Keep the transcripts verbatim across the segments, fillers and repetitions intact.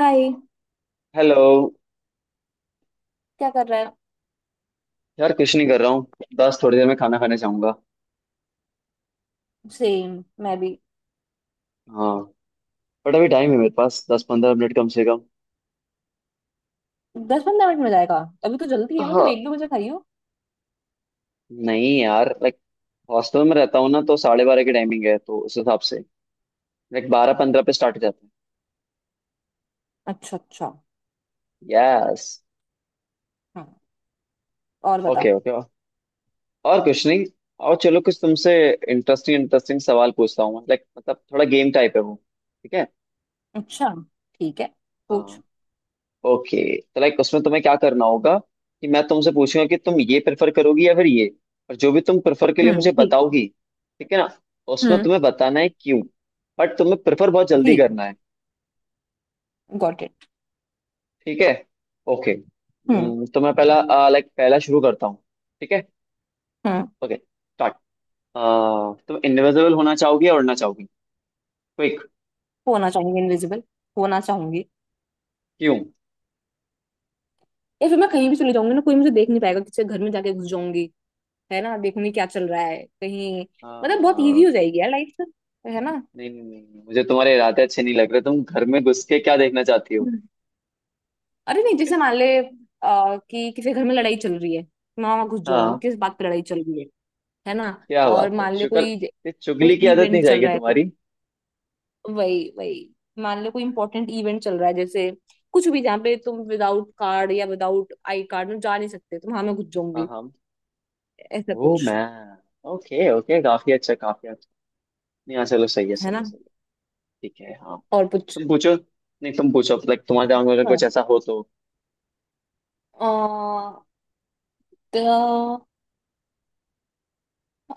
हाय। Hello. क्या कर रहा है? यार कुछ नहीं कर रहा हूँ। बस थोड़ी देर में खाना खाने जाऊंगा। सेम। मैं भी। हाँ। बट अभी टाइम है मेरे पास दस पंद्रह मिनट कम से कम। दस पंद्रह मिनट में जाएगा? अभी तो जल्दी है, मतलब हाँ। एक दो बजे खाई हो। नहीं यार, लाइक हॉस्टल में रहता हूँ ना, तो साढ़े बारह की टाइमिंग है, तो उस हिसाब से लाइक बारह पंद्रह पे स्टार्ट हो जाते हैं। अच्छा, अच्छा। यस। हाँ। और बता। Okay okay. और कुछ नहीं। और चलो कुछ तुमसे इंटरेस्टिंग इंटरेस्टिंग सवाल पूछता हूँ, लाइक मतलब थोड़ा गेम टाइप है वो। ठीक है? अच्छा। ठीक है। पूछ। हाँ। ओके, तो लाइक उसमें तुम्हें क्या करना होगा कि मैं तुमसे पूछूंगा कि तुम ये प्रेफर करोगी या फिर ये। और जो भी तुम प्रेफर के लिए हम्म, मुझे ठीक बताओगी। ठीक है ना। है। हम्म। उसमें तुम्हें बताना है क्यों। बट तुम्हें प्रेफर बहुत जल्दी ठीक। करना है। Got it. ठीक है। ओके। हम्म, हम्म, तो मैं पहला, लाइक पहला शुरू करता हूँ। ठीक है। हम्म। Okay start. तुम इनविजिबल होना चाहोगी या उड़ना चाहोगी? क्विक। होना चाहूंगी इनविजिबल। होना चाहूंगी। क्यों? या फिर मैं कहीं भी चली जाऊंगी ना, कोई मुझे देख नहीं पाएगा, किसी के घर में जाके घुस जाऊंगी। है ना? देखूंगी क्या चल रहा है कहीं। मतलब बहुत इजी अह, हो जाएगी यार लाइफ। है ना? नहीं नहीं नहीं नहीं, मुझे तुम्हारे इरादे अच्छे नहीं लग रहे। तुम घर में घुस के क्या देखना चाहती हो? अरे नहीं, जैसे मान ले आ, कि किसी घर में लड़ाई चल रही है। मामा घुस जाऊंगी, हाँ। किस बात पे लड़ाई चल रही है। है ना? क्या और बात है मान ले शुक्र। कोई ये कोई चुगली की आदत नहीं इवेंट चल जाएगी रहा है तो। तुम्हारी। वही, वही। मान ले कोई इंपॉर्टेंट इवेंट चल रहा है, जैसे कुछ भी जहाँ पे तुम विदाउट कार्ड या विदाउट आई कार्ड में जा नहीं सकते, तो वहां मैं घुस जाऊंगी। हाँ हाँ। ऐसा वो कुछ। मैं। ओके ओके, काफी अच्छा काफी अच्छा। नहीं, हाँ चलो, सही है है सही है ना? सही है। ठीक है। हाँ। और कुछ? तुम पूछो, नहीं तुम पूछो, लाइक तुम्हारे दिमाग में अगर अच्छा। कुछ ऐसा हो तो। अ, तो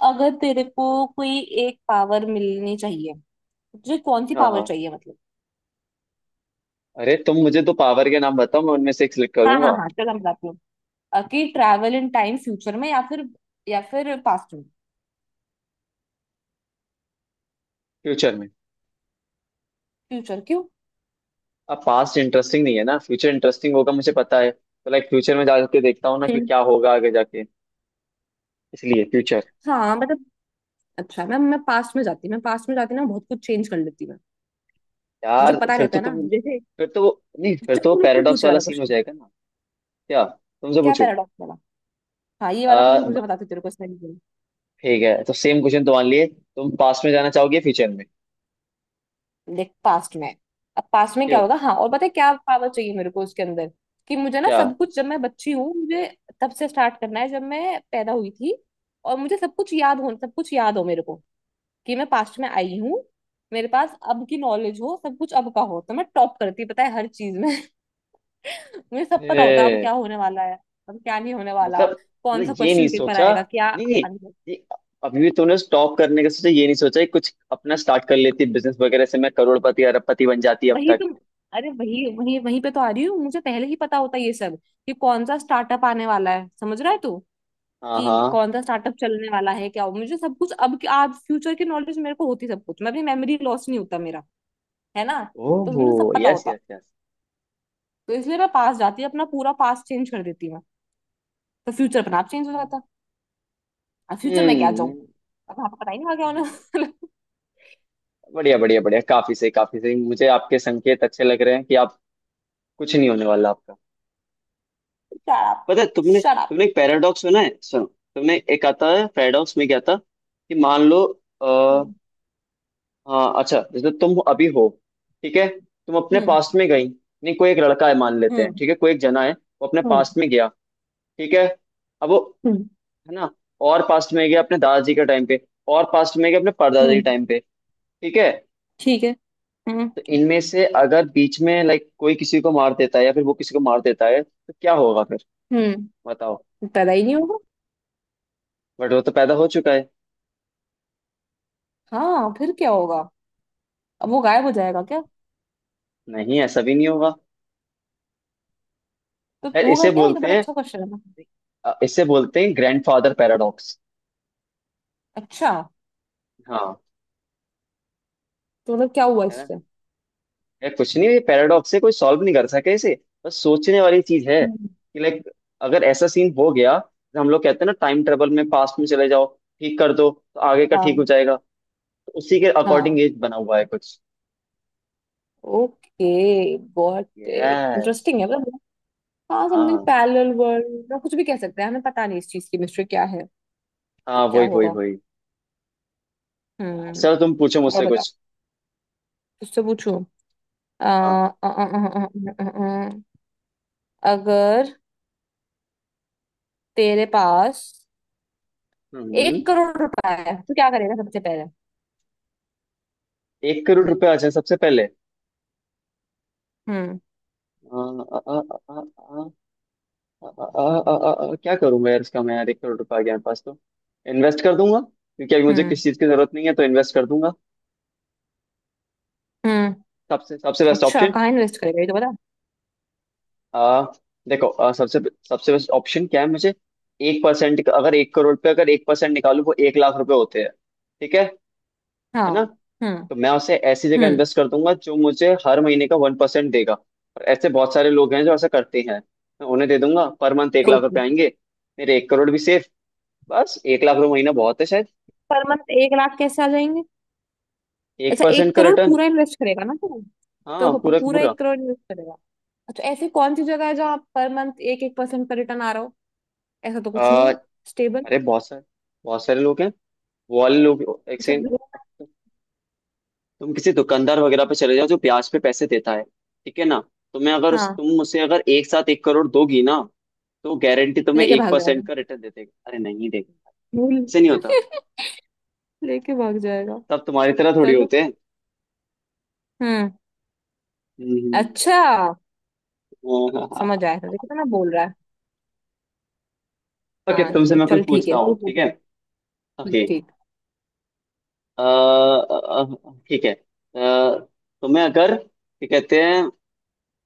अगर तेरे को कोई एक पावर मिलनी चाहिए, तुझे कौन सी हाँ पावर हाँ। चाहिए मतलब। अरे तुम मुझे तो पावर के नाम बताओ, मैं उनमें से एक सिलेक्ट हाँ, हाँ, करूंगा। हाँ, चलो मैं बताती हूँ। अ, कि ट्रैवल इन टाइम, फ्यूचर में या फिर या फिर पास्ट में। फ्यूचर में। फ्यूचर क्यों? अब पास्ट इंटरेस्टिंग नहीं है ना, फ्यूचर इंटरेस्टिंग होगा मुझे पता है, तो लाइक फ्यूचर में जाके देखता हूँ ना कि हम्म, क्या होगा आगे जाके। इसलिए फ्यूचर। हाँ, मतलब। अच्छा मैं मैं पास्ट में जाती, मैं पास्ट में जाती ना बहुत कुछ चेंज कर लेती मैं। मुझे यार पता फिर रहता तो है ना तुम, जैसे। फिर तो वो नहीं, फिर चल, तो वो तू मुझसे पैराडॉक्स पूछ वाला वाला सीन हो क्वेश्चन। जाएगा ना। क्या? तुमसे क्या पूछो। पैराडॉक्स वाला? हाँ, ये वाला क्वेश्चन आ, पूछा, बताती हूँ तेरे को इसमें भी। ठीक है, तो सेम क्वेश्चन तो मान लिए। तुम पास्ट में जाना चाहोगे फ्यूचर में? देख, पास्ट में। अब पास्ट में क्या क्यों? होगा, हाँ, और पता है क्या पावर चाहिए मेरे को उसके अंदर। कि मुझे ना क्या? सब कुछ, जब मैं बच्ची हूँ मुझे तब से स्टार्ट करना है, जब मैं पैदा हुई थी। और मुझे सब कुछ याद हो, सब कुछ याद हो मेरे को। कि मैं पास्ट में आई हूँ। मेरे पास अब की नॉलेज हो, सब कुछ अब का हो, तो मैं टॉप करती पता है हर चीज में। मुझे सब पता होता अब क्या ए, होने वाला है, अब क्या नहीं होने वाला। मतलब। कौन सा मतलब ये नहीं क्वेश्चन पेपर सोचा। आएगा, क्या। नहीं नहीं। आने- ये अभी भी तूने स्टॉप करने का सोचा, ये नहीं सोचा कि कुछ अपना स्टार्ट कर लेती बिजनेस वगैरह से, मैं करोड़पति अरबपति बन जाती अब वही तक। तो। अरे वही, वही, वहीं पे तो आ रही हूँ, मुझे पहले ही पता होता ये सब। कि कौन सा स्टार्टअप आने वाला है, समझ रहा है तू। हाँ कि हाँ। कौन सा स्टार्टअप चलने वाला है, क्या हो, मुझे सब कुछ अब आज फ्यूचर की नॉलेज मेरे को होती, सब कुछ, मैं अपनी मेमोरी लॉस नहीं होता मेरा। है ना? तो ओहो। मुझे सब पता यस होता। Yes yes. तो इसलिए मैं पास जाती, अपना पूरा पास चेंज कर देती। तो फ्यूचर अपना आप चेंज हो जाता। अब फ्यूचर में क्या जाऊं। हम्म। अब वहां पर पता ही नहीं लगा उन्हें। हाँ। शट बढ़िया बढ़िया बढ़िया, काफी सही काफी सही, मुझे आपके संकेत अच्छे लग रहे हैं कि आप। कुछ नहीं होने वाला आपका। अप, पता है, तुमने शट अप। तुमने एक पैराडॉक्स सुना है? सुनो। तुमने, एक आता है पैराडॉक्स, में क्या था कि मान लो, आ, हाँ अच्छा, जैसे तुम अभी हो। ठीक है। तुम अपने हम्म, पास्ट में गई। नहीं, कोई एक लड़का है मान लेते हैं, हम्म, ठीक है, कोई एक जना है। वो अपने हम्म, पास्ट में गया। ठीक है। अब वो, हम्म, है ना, और पास्ट में गया अपने दादाजी के टाइम पे। और पास्ट में गया अपने परदादा हम्म। के टाइम पे। ठीक है। ठीक है। हम्म, तो इनमें से अगर बीच में लाइक कोई किसी को मार देता है, या फिर वो किसी को मार देता है, तो क्या होगा फिर? हम्म। बताओ। पैदा ही नहीं होगा। बट वो तो पैदा हो चुका है। हाँ फिर क्या होगा। अब वो गायब हो जाएगा क्या? नहीं, ऐसा भी नहीं होगा। तो शायद होगा इसे क्या, ये तो बोलते बड़ा हैं, अच्छा क्वेश्चन है ना। अ, इसे बोलते हैं ग्रैंडफादर पैराडॉक्स। अच्छा। हाँ। तो मतलब क्या हुआ है ना। इससे? यार कुछ नहीं, ये पैराडॉक्स है, कोई सॉल्व नहीं कर सके इसे। बस सोचने वाली चीज है हम्म, कि लाइक, अगर ऐसा सीन हो गया, तो हम लोग कहते हैं ना टाइम ट्रेवल में पास्ट में चले जाओ। ठीक कर दो तो आगे का ठीक हाँ, हो जाएगा। तो उसी के अकॉर्डिंग हाँ, ये बना हुआ है कुछ। ओके, गॉट इट, ये इंटरेस्टिंग है मतलब। हाँ, समथिंग हाँ पैरेलल वर्ल्ड, कुछ भी कह सकते हैं, हमें पता नहीं इस चीज की मिस्ट्री क्या है। हाँ, क्या वही वही होगा। वही। यार, चलो तुम हम्म। पूछो और मुझसे बताओ। कुछ। उससे पूछू। आ, आ, हाँ। आ, आ, आ, आ, आ, आ, आ, अगर तेरे पास हम्म एक करोड़ रुपए है तो क्या करेगा सबसे पहले। एक करोड़ रुपए आ जाए सबसे पहले। हम्म, आ, आ, आ, आ, आ, अ, अ, अ, अ, अ, क्या करूं मैं यार इसका, मैं यार, एक करोड़ रुपया आ गया मेरे पास तो इन्वेस्ट कर दूंगा, क्योंकि अभी मुझे हम्म, किसी चीज की जरूरत नहीं है, तो इन्वेस्ट कर दूंगा। हम्म। सबसे सबसे बेस्ट अच्छा, ऑप्शन। कहाँ इन्वेस्ट करेगा ये तो बता। आ देखो, अ, सबसे सबसे बेस्ट ऑप्शन क्या है मुझे। एक परसेंट, अगर एक करोड़ पे अगर एक परसेंट निकालू, वो एक लाख रुपए होते हैं। ठीक है। है हाँ। ना। हम्म, तो मैं उसे ऐसी जगह हम्म। इन्वेस्ट कर दूंगा जो मुझे हर महीने का वन परसेंट देगा, और ऐसे बहुत सारे लोग हैं जो ऐसा करते हैं। मैं उन्हें दे दूंगा, पर मंथ एक लाख ओके। रुपए आएंगे। मेरे एक करोड़ भी सेफ। बस एक लाख रुपए महीना बहुत है। पर मंथ एक लाख कैसे आ जाएंगे? एक अच्छा, परसेंट एक का करोड़ रिटर्न। पूरा इन्वेस्ट करेगा ना तू? तो हाँ, प- पूरा का पूरा पूरा। एक करोड़ इन्वेस्ट करेगा। अच्छा, ऐसी कौन सी जगह है जहाँ पर मंथ एक एक परसेंट का रिटर्न आ रहा हो। ऐसा तो कुछ नहीं आ, है। स्टेबल। अरे बहुत सारे, बहुत सारे लोग हैं। वो वाले लोग। एक अच्छा, सेकंड। ग्रोथ। तुम किसी दुकानदार वगैरह पे चले जाओ जो ब्याज पे पैसे देता है, ठीक है ना। तुम्हें अगर उस- हाँ। तुम उसे अगर एक साथ एक करोड़ दोगी ना, तो गारंटी तुम्हें लेके एक भाग जाएगा। परसेंट का रिटर्न दे देगा। अरे नहीं देगा। भूल। ऐसे नहीं होता। लेके भाग जाएगा। तब तुम्हारी तरह थोड़ी चलो। होते हैं। हम्म। हम्म, अच्छा। हाँ, हाँ, समझ हाँ। आया था कितना बोल रहा है। ओके, हाँ नहीं तुमसे तो, मैं चल कुछ ठीक पूछता है, तू हूँ, ठीक है। पूछ। ठीक, ओके। ठीक। अ, अ, अ, ठीक है, अ, तुम्हें अगर, क्या कहते हैं,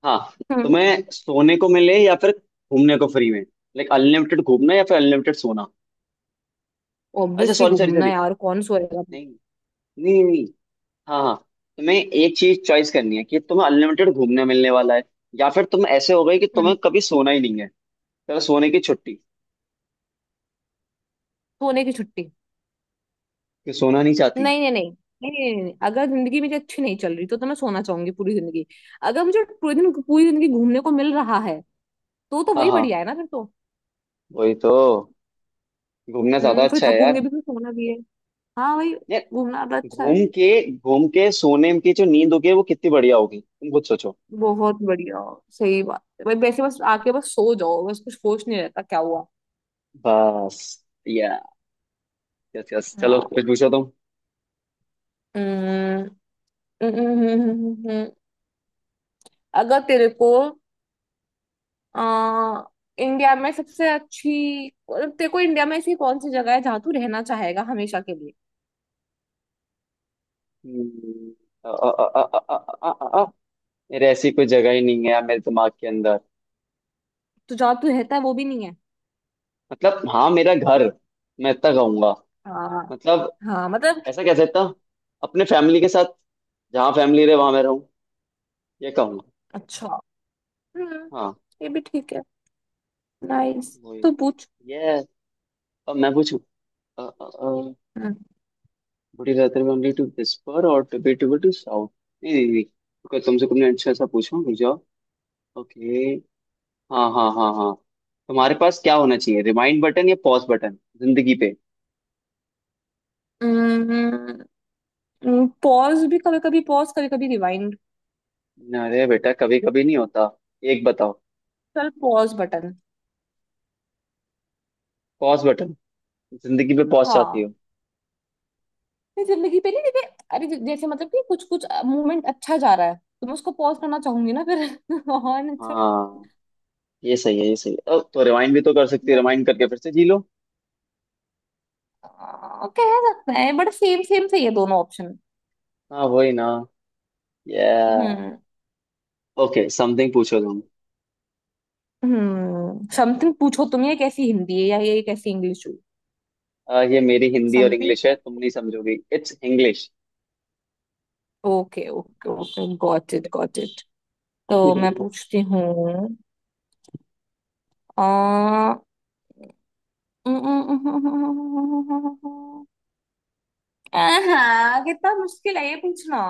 हाँ, हम्म। तुम्हें सोने को मिले या फिर घूमने को फ्री में, लाइक अनलिमिटेड घूमना या फिर अनलिमिटेड सोना। अच्छा ऑब्वियसली सॉरी सॉरी घूमना, सॉरी। यार कौन सोएगा। नहीं नहीं नहीं, हाँ हाँ, तुम्हें एक चीज चॉइस करनी है, कि तुम्हें अनलिमिटेड घूमने मिलने वाला है, या फिर तुम ऐसे हो गए कि हम्म। तुम्हें कभी सोना ही नहीं है। चलो सोने की छुट्टी। सोने की छुट्टी। कि सोना नहीं चाहती। नहीं, नहीं, नहीं। नहीं, नहीं, नहीं, नहीं। अगर जिंदगी मेरी अच्छी नहीं चल रही तो तो मैं सोना चाहूंगी पूरी जिंदगी। अगर मुझे पूरी दिन पूरी जिंदगी घूमने को मिल रहा है तो तो हाँ वही बढ़िया हाँ, है ना फिर तो। वही तो, घूमना ज्यादा हम्म, फिर अच्छा है थकूंगी यार। भी, फिर सोना भी है। हाँ भाई। घूमना तो यार, अच्छा है। घूम के घूम के सोने की जो नींद होगी वो कितनी बढ़िया होगी, तुम खुद सोचो। बहुत बढ़िया। सही बात है भाई, वैसे बस आके बस सो जाओ, बस कुछ होश नहीं रहता क्या हुआ। बस, या, यस यस, चलो फिर पूछो तुम। हाँ। हम्म, हम्म, हम्म, हम्म, हम्म। अगर तेरे को आ, इंडिया में सबसे अच्छी, मतलब तेरे को इंडिया में ऐसी कौन सी जगह है जहाँ तू रहना चाहेगा हमेशा के लिए। हम्म, अ, अ, अ, अ, अ, अ, अ, अ, अ, मेरे ऐसी कोई जगह ही नहीं है यार मेरे दिमाग के अंदर। तो जहाँ तू रहता है वो भी नहीं है? मतलब हाँ, मेरा घर, मैं इतना कहूंगा, हाँ, मतलब हाँ, मतलब। ऐसा कह सकता हूँ, अपने फैमिली के साथ, जहाँ फैमिली रहे वहां मैं रहूँ। ये कहूंगा। अच्छा। हम्म। हाँ ये भी ठीक है। नाइस, वही। तो पूछ। ये, अब मैं पूछूं। Hmm. Would you rather only to whisper और to be to to sound. नहीं नहीं नहीं, रुको, तुमसे कुछ अच्छा ऐसा पूछूं, रुक जाओ। ओके। हाँ हाँ हाँ हाँ। तुम्हारे पास क्या होना चाहिए, रिमाइंड बटन या पॉज बटन जिंदगी पे? पॉज भी, कभी कभी पॉज, कभी कभी रिवाइंड। अरे बेटा, कभी कभी नहीं होता। एक बताओ। चल, पॉज बटन। Pause button? जिंदगी में पॉज चाहती हाँ। हो। ये जिंदगी पे नहीं देखे। अरे जै- जैसे मतलब कि कुछ कुछ मूवमेंट अच्छा जा रहा है तो मैं उसको पॉज करना चाहूंगी ना फिर। और नहीं तो। हाँ, ये सही है ये सही है। ओ, तो रिवाइंड भी तो कर सकती है, वही- रिवाइंड करके फिर से जी लो। आ, कह सकते हैं, बट सेम सेम से ये दोनों ऑप्शन। हाँ वही ना, या, हम्म। ओके। समथिंग पूछो तुम। हम्म, समथिंग पूछो तुम, ये कैसी हिंदी है या ये कैसी इंग्लिश हुई। अ, ये मेरी हिंदी और समथिंग। इंग्लिश है, तुम नहीं समझोगी, it's English. Okay, okay, okay, got it, got it. तो मैं पूछती हूँ। आ हाँ, कितना मुश्किल है ये पूछना।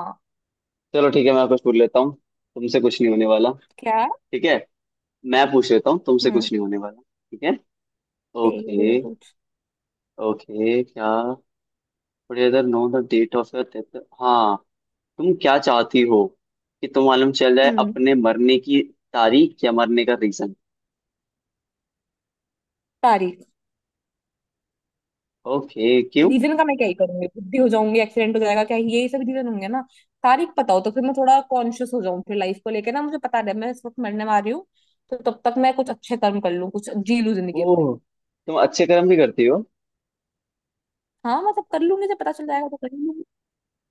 चलो ठीक है, मैं कुछ पूछ लेता हूँ, तुमसे कुछ नहीं होने वाला। क्या? ठीक है, मैं पूछ लेता हूँ, तुमसे हम्म। कुछ नहीं होने वाला। ठीक है। ठीक है, ठीक है, ओके। पूछ। ओके, क्या, इधर, know the date of your death, हाँ, तुम क्या चाहती हो कि तुम, मालूम चल जाए हम्म। अपने मरने की तारीख, या मरने का रीजन? तारीख। ओके। क्यों? रीजन का मैं क्या ही करूंगी, बुद्धि हो जाऊंगी, एक्सीडेंट हो जाएगा, क्या यही सब रीजन होंगे ना। तारीख पता हो तो फिर मैं थोड़ा कॉन्शियस हो जाऊं फिर लाइफ को लेके ना, मुझे पता है मैं इस वक्त मरने वाली हूँ। तो तब तक मैं कुछ अच्छे कर्म कर लूं, कुछ जी लूं जिंदगी ओ, अपनी। तुम अच्छे कर्म भी करती हो? हाँ मतलब कर लूंगी, जब पता चल जाएगा तो कर लूंगी।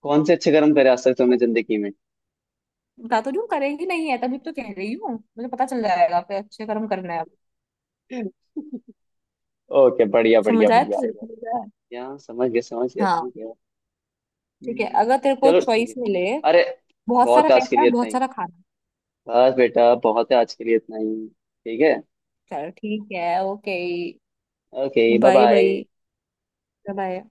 कौन से अच्छे कर्म करे आज तक तुमने जिंदगी में? बता तो रही हूँ करेंगी, नहीं है तभी तो कह रही हूँ, मुझे पता चल जाएगा फिर अच्छे कर्म करना है अब। ओके, बढ़िया बढ़िया समझ आया बढ़िया तुझे, बढ़िया। समझ आया? क्या, समझ गया समझ गया हाँ। समझ गया। ठीक है, हम्म, अगर तेरे को चलो ठीक चॉइस है। मिले, अरे बहुत सारा बहुत है आज के पैसा, लिए इतना बहुत ही। सारा खाना। बस बेटा, बहुत है आज के लिए इतना ही। ठीक है। चल ठीक है, okay, okay bye bye bye. Bye. Bye.